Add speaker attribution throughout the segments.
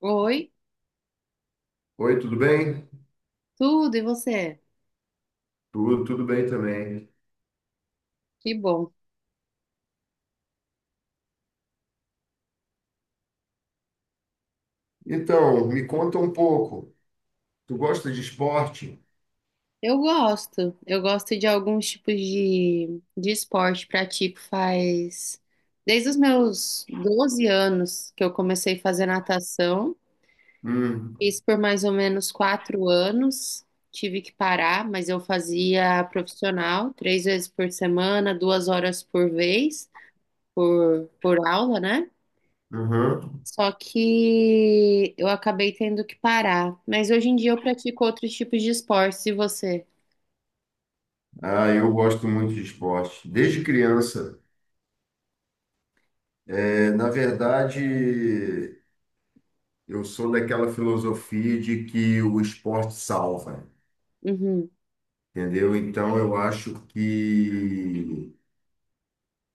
Speaker 1: Oi,
Speaker 2: Oi, tudo bem?
Speaker 1: tudo, e você?
Speaker 2: Tudo, tudo bem também.
Speaker 1: Que bom.
Speaker 2: Então, me conta um pouco. Tu gosta de esporte?
Speaker 1: Eu gosto de alguns tipos de esporte, pratico faz desde os meus 12 anos que eu comecei a fazer natação,
Speaker 2: Hum,
Speaker 1: fiz por mais ou menos 4 anos, tive que parar, mas eu fazia profissional, três vezes por semana, 2 horas por vez, por aula, né?
Speaker 2: uhum.
Speaker 1: Só que eu acabei tendo que parar. Mas hoje em dia eu pratico outros tipos de esportes, e você?
Speaker 2: Ah, eu gosto muito de esporte. Desde criança. É, na verdade, eu sou daquela filosofia de que o esporte salva,
Speaker 1: Uhum,
Speaker 2: entendeu? Então, eu acho que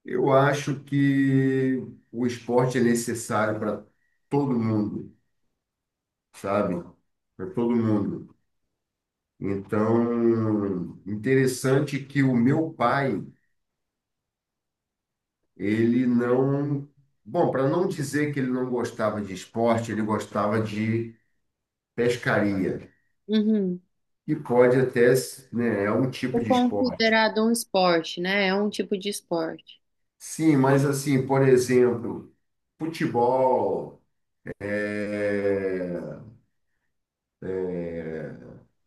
Speaker 2: eu acho que o esporte é necessário para todo mundo, sabe? Para todo mundo. Então, interessante que o meu pai, ele não, bom, para não dizer que ele não gostava de esporte, ele gostava de pescaria,
Speaker 1: uhum.
Speaker 2: que pode até, né, é um
Speaker 1: É
Speaker 2: tipo de esporte.
Speaker 1: considerado um esporte, né? É um tipo de esporte.
Speaker 2: Sim, mas assim, por exemplo, futebol, é,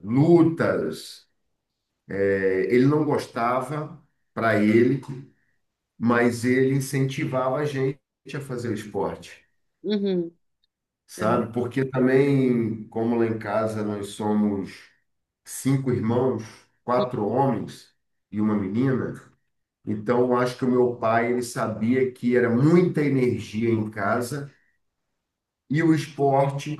Speaker 2: lutas, ele não gostava para ele, mas ele incentivava a gente a fazer o esporte.
Speaker 1: Uhum. Então,
Speaker 2: Sabe? Porque também, como lá em casa nós somos cinco irmãos, quatro homens e uma menina, então eu acho que o meu pai ele sabia que era muita energia em casa e o esporte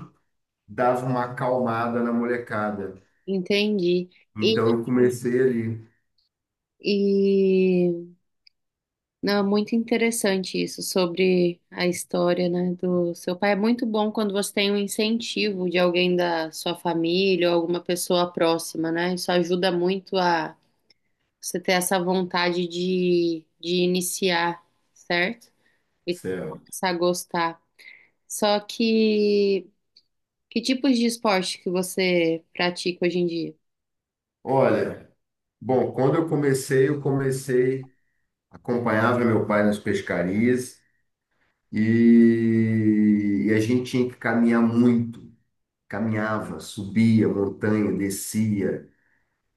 Speaker 2: dava uma acalmada na molecada.
Speaker 1: entendi. E,
Speaker 2: Então eu comecei ali,
Speaker 1: e não, é muito interessante isso sobre a história, né, do seu pai. É muito bom quando você tem um incentivo de alguém da sua família ou alguma pessoa próxima, né? Isso ajuda muito a você ter essa vontade de iniciar, certo? E
Speaker 2: céu.
Speaker 1: começar a gostar. Só que tipos de esporte que você pratica hoje em dia?
Speaker 2: Olha, bom, quando eu comecei, acompanhava meu pai nas pescarias e a gente tinha que caminhar muito, caminhava, subia montanha, descia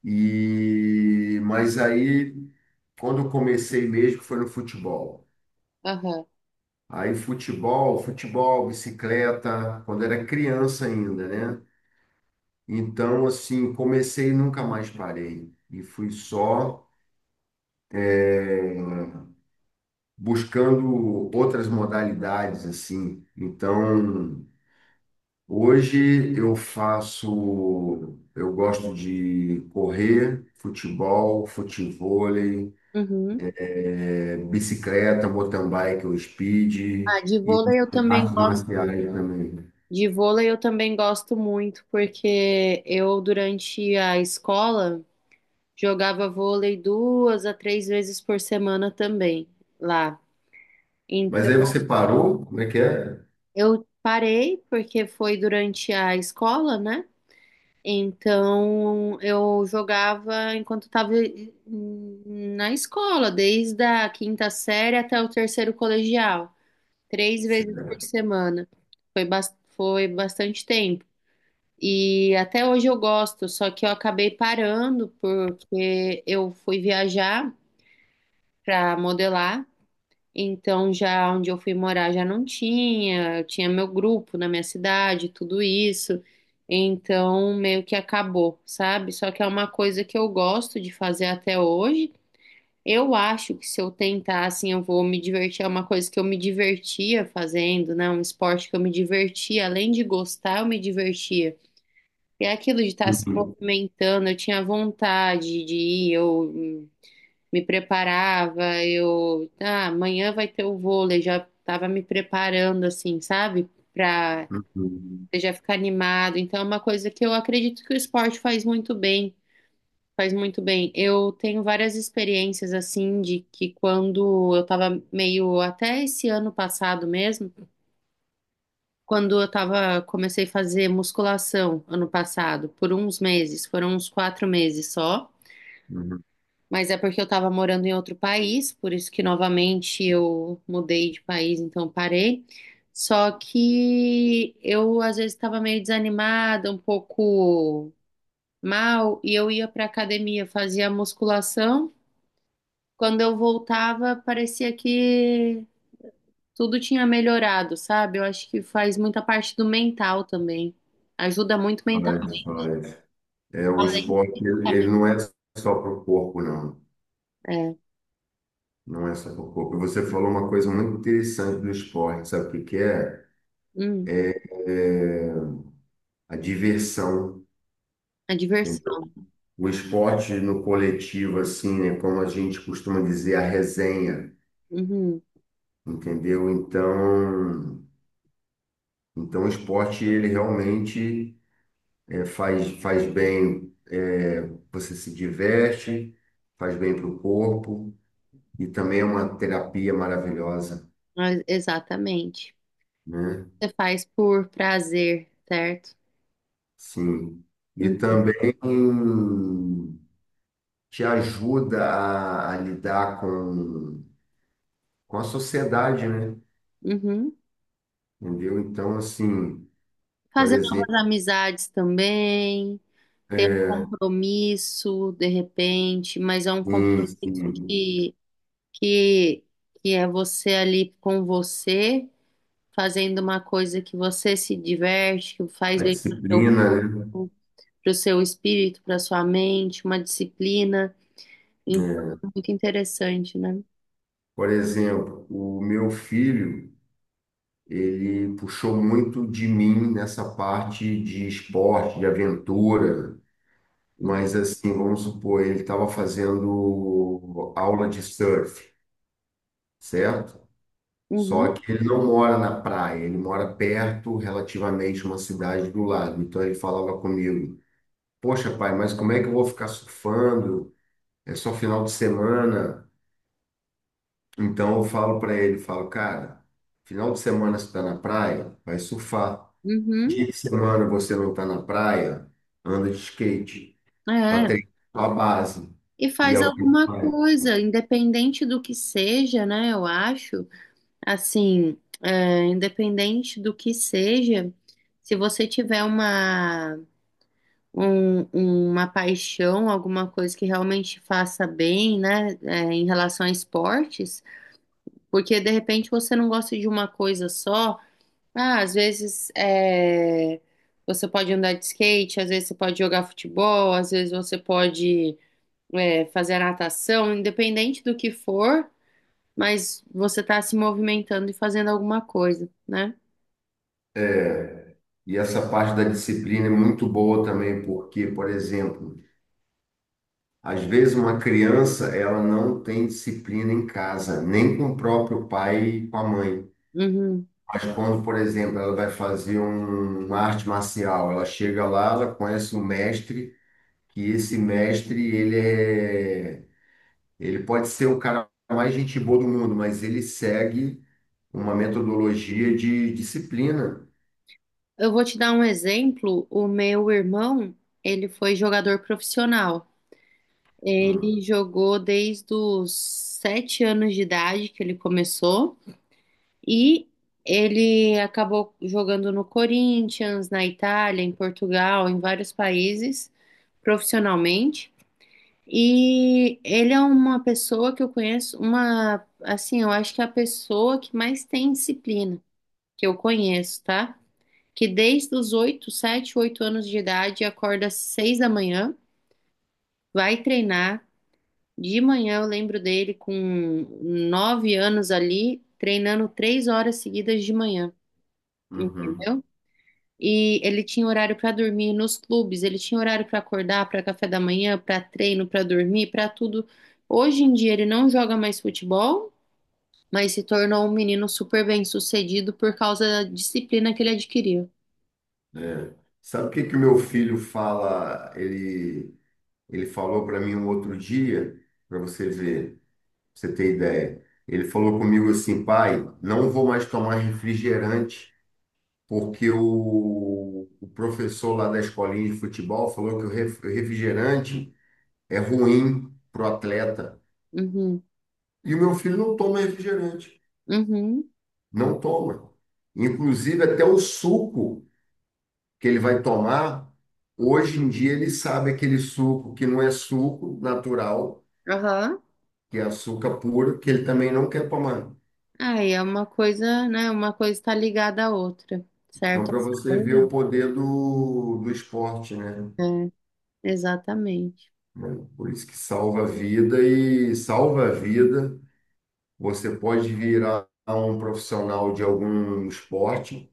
Speaker 2: e mas aí quando eu comecei mesmo foi no futebol.
Speaker 1: Aham.
Speaker 2: Aí futebol, futebol, bicicleta, quando era criança ainda, né? Então assim, comecei e nunca mais parei e fui só eh, buscando outras modalidades assim. Então hoje eu faço, eu gosto de correr, futebol, futevôlei,
Speaker 1: Uhum.
Speaker 2: bicicleta, mountain bike ou speed
Speaker 1: Ah, de
Speaker 2: e
Speaker 1: vôlei eu também
Speaker 2: artes
Speaker 1: gosto.
Speaker 2: marciais também.
Speaker 1: De vôlei eu também gosto muito, porque eu, durante a escola, jogava vôlei duas a três vezes por semana também lá.
Speaker 2: Mas aí
Speaker 1: Então,
Speaker 2: você parou? Como é que é?
Speaker 1: eu parei, porque foi durante a escola, né? Então, eu jogava enquanto estava na escola, desde a 5ª série até o terceiro colegial, três vezes
Speaker 2: Certo.
Speaker 1: por semana. Foi bastante tempo. E até hoje eu gosto, só que eu acabei parando porque eu fui viajar para modelar. Então, já onde eu fui morar já não tinha, tinha meu grupo na minha cidade, tudo isso. Então, meio que acabou, sabe? Só que é uma coisa que eu gosto de fazer até hoje. Eu acho que se eu tentar, assim, eu vou me divertir. É uma coisa que eu me divertia fazendo, né? Um esporte que eu me divertia. Além de gostar, eu me divertia. E é aquilo de estar se
Speaker 2: Uhum,
Speaker 1: movimentando, eu tinha vontade de ir, eu me preparava, eu, ah, amanhã vai ter o vôlei, já estava me preparando assim, sabe? Para
Speaker 2: uhum,
Speaker 1: já ficar animado. Então é uma coisa que eu acredito que o esporte faz muito bem, faz muito bem. Eu tenho várias experiências assim de que quando eu estava meio até esse ano passado mesmo, quando eu tava comecei a fazer musculação ano passado, por uns meses, foram uns 4 meses só.
Speaker 2: uhum.
Speaker 1: Mas é porque eu estava morando em outro país, por isso que novamente eu mudei de país, então parei. Só que eu às vezes estava meio desanimada, um pouco mal, e eu ia para academia, fazia musculação. Quando eu voltava, parecia que tudo tinha melhorado, sabe? Eu acho que faz muita parte do mental também. Ajuda muito mental,
Speaker 2: Faz, faz. É, o
Speaker 1: além
Speaker 2: esporte,
Speaker 1: de-
Speaker 2: ele
Speaker 1: saber-
Speaker 2: ele não é só para o corpo, não.
Speaker 1: é,
Speaker 2: Não é só para o corpo. Você falou uma coisa muito interessante do esporte, sabe o que que é?
Speaker 1: hum,
Speaker 2: É a diversão.
Speaker 1: a
Speaker 2: Entendeu?
Speaker 1: diversão.
Speaker 2: O esporte no coletivo, assim, né, como a gente costuma dizer, a resenha,
Speaker 1: Uhum,
Speaker 2: entendeu? Então, o esporte, ele realmente faz, faz bem, você se diverte, faz bem para o corpo e também é uma terapia maravilhosa,
Speaker 1: exatamente.
Speaker 2: né?
Speaker 1: Você faz por prazer, certo?
Speaker 2: Sim. E
Speaker 1: Hum,
Speaker 2: também te ajuda a lidar com a sociedade, né?
Speaker 1: Uhum.
Speaker 2: Entendeu? Então, assim, por
Speaker 1: Fazer
Speaker 2: exemplo,
Speaker 1: novas amizades também, ter um compromisso de repente, mas é um
Speaker 2: sim,
Speaker 1: compromisso
Speaker 2: sim.
Speaker 1: que, que é você ali com você, fazendo uma coisa que você se diverte, que faz
Speaker 2: A
Speaker 1: bem para o seu
Speaker 2: disciplina, né?
Speaker 1: corpo, para o seu espírito, para a sua mente, uma disciplina. Então,
Speaker 2: É.
Speaker 1: é muito interessante, né?
Speaker 2: Por exemplo, o meu filho, ele puxou muito de mim nessa parte de esporte, de aventura,
Speaker 1: Uhum,
Speaker 2: mas assim, vamos supor, ele estava fazendo aula de surf, certo? Só
Speaker 1: uhum.
Speaker 2: que ele não mora na praia, ele mora perto, relativamente, uma cidade do lado. Então ele falava comigo: poxa, pai, mas como é que eu vou ficar surfando? É só final de semana. Então eu falo para ele, falo, cara, final de semana você está na praia, vai surfar.
Speaker 1: Uhum.
Speaker 2: Dia de semana você não está na praia, anda de skate para
Speaker 1: É,
Speaker 2: treinar a base.
Speaker 1: e
Speaker 2: E é
Speaker 1: faz
Speaker 2: o que ele
Speaker 1: alguma
Speaker 2: faz.
Speaker 1: coisa, independente do que seja, né? Eu acho, assim, é, independente do que seja, se você tiver uma, um- uma paixão, alguma coisa que realmente faça bem, né? É, em relação a esportes, porque de repente você não gosta de uma coisa só. Ah, às vezes é, você pode andar de skate, às vezes você pode jogar futebol, às vezes você pode é, fazer a natação, independente do que for, mas você está se movimentando e fazendo alguma coisa, né?
Speaker 2: É, e essa parte da disciplina é muito boa também, porque, por exemplo, às vezes uma criança ela não tem disciplina em casa, nem com o próprio pai e com a mãe.
Speaker 1: Uhum.
Speaker 2: Mas quando, por exemplo, ela vai fazer uma arte marcial, ela chega lá, ela conhece o mestre que esse mestre, ele pode ser o cara mais gente boa do mundo, mas ele segue uma metodologia de disciplina.
Speaker 1: Eu vou te dar um exemplo. O meu irmão, ele foi jogador profissional.
Speaker 2: Hum,
Speaker 1: Ele jogou desde os 7 anos de idade que ele começou e ele acabou jogando no Corinthians, na Itália, em Portugal, em vários países profissionalmente. E ele é uma pessoa que eu conheço, uma, assim, eu acho que é a pessoa que mais tem disciplina que eu conheço, tá? Que desde os 8, 7, 8 anos de idade acorda às 6 da manhã, vai treinar. De manhã eu lembro dele com 9 anos ali, treinando 3 horas seguidas de manhã,
Speaker 2: uhum.
Speaker 1: entendeu? E ele tinha horário para dormir nos clubes, ele tinha horário para acordar, para café da manhã, para treino, para dormir, para tudo. Hoje em dia ele não joga mais futebol, mas se tornou um menino super bem-sucedido por causa da disciplina que ele adquiriu.
Speaker 2: Sabe o que que o meu filho fala? Ele falou para mim um outro dia, para você ver, pra você ter ideia. Ele falou comigo assim, pai, não vou mais tomar refrigerante, porque o professor lá da escolinha de futebol falou que o refrigerante é ruim para o atleta.
Speaker 1: Uhum,
Speaker 2: E o meu filho não toma refrigerante,
Speaker 1: uhum,
Speaker 2: não toma. Inclusive, até o suco que ele vai tomar, hoje em dia ele sabe aquele suco que não é suco natural,
Speaker 1: aham.
Speaker 2: que é açúcar puro, que ele também não quer tomar.
Speaker 1: Aí é uma coisa, né? Uma coisa está ligada à outra,
Speaker 2: Então,
Speaker 1: certo?
Speaker 2: para
Speaker 1: A
Speaker 2: você ver o
Speaker 1: saúde,
Speaker 2: poder do esporte, né?
Speaker 1: é, exatamente.
Speaker 2: Por isso que salva a vida e salva a vida. Você pode virar um profissional de algum esporte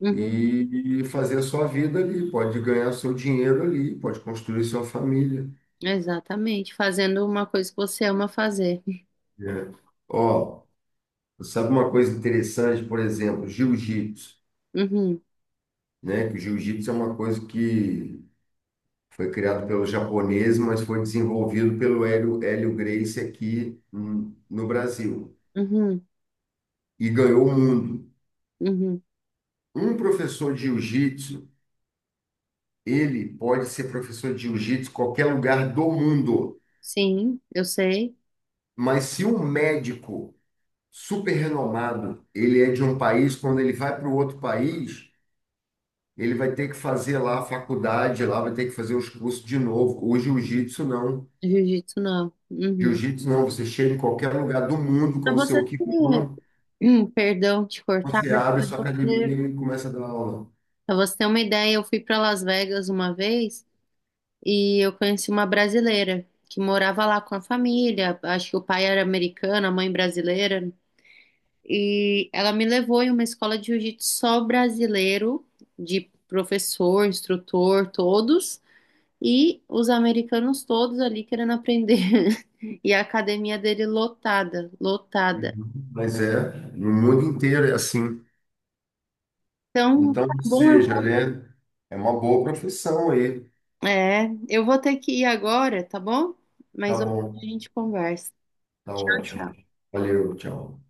Speaker 1: Uhum,
Speaker 2: e fazer a sua vida ali, pode ganhar seu dinheiro ali, pode construir sua família,
Speaker 1: exatamente. Fazendo uma coisa que você ama fazer.
Speaker 2: né? Ó, sabe uma coisa interessante, por exemplo, jiu-jitsu,
Speaker 1: Uhum,
Speaker 2: né? Que o jiu-jitsu é uma coisa que foi criado pelo japonês, mas foi desenvolvido pelo Hélio Gracie aqui, no Brasil
Speaker 1: uhum,
Speaker 2: e ganhou o mundo.
Speaker 1: uhum.
Speaker 2: Um professor de jiu-jitsu, ele pode ser professor de jiu-jitsu em qualquer lugar do mundo,
Speaker 1: Sim, eu sei.
Speaker 2: mas se um médico super renomado. Ele é de um país, quando ele vai para o outro país, ele vai ter que fazer lá a faculdade, lá vai ter que fazer os cursos de novo. O jiu-jitsu não.
Speaker 1: Jiu-jitsu não. Uhum.
Speaker 2: Jiu-jitsu não, você chega em qualquer lugar do mundo
Speaker 1: Pra
Speaker 2: com o
Speaker 1: você
Speaker 2: seu
Speaker 1: ter,
Speaker 2: kimono,
Speaker 1: hum, perdão te cortar,
Speaker 2: você abre sua academia e começa a dar aula.
Speaker 1: pra você ter uma ideia, eu fui pra Las Vegas uma vez e eu conheci uma brasileira que morava lá com a família. Acho que o pai era americano, a mãe brasileira. E ela me levou em uma escola de jiu-jitsu só brasileiro, de professor, instrutor, todos. E os americanos todos ali querendo aprender. E a academia dele lotada, lotada.
Speaker 2: Uhum. Mas é, no mundo inteiro é assim.
Speaker 1: Então,
Speaker 2: Então,
Speaker 1: tá
Speaker 2: ou
Speaker 1: bom, eu
Speaker 2: seja,
Speaker 1: vou...
Speaker 2: né? É uma boa profissão aí.
Speaker 1: É, eu vou ter que ir agora, tá bom?
Speaker 2: Tá
Speaker 1: Mas outra a
Speaker 2: bom,
Speaker 1: gente conversa.
Speaker 2: tá
Speaker 1: Tchau,
Speaker 2: ótimo.
Speaker 1: tchau.
Speaker 2: Valeu, tchau.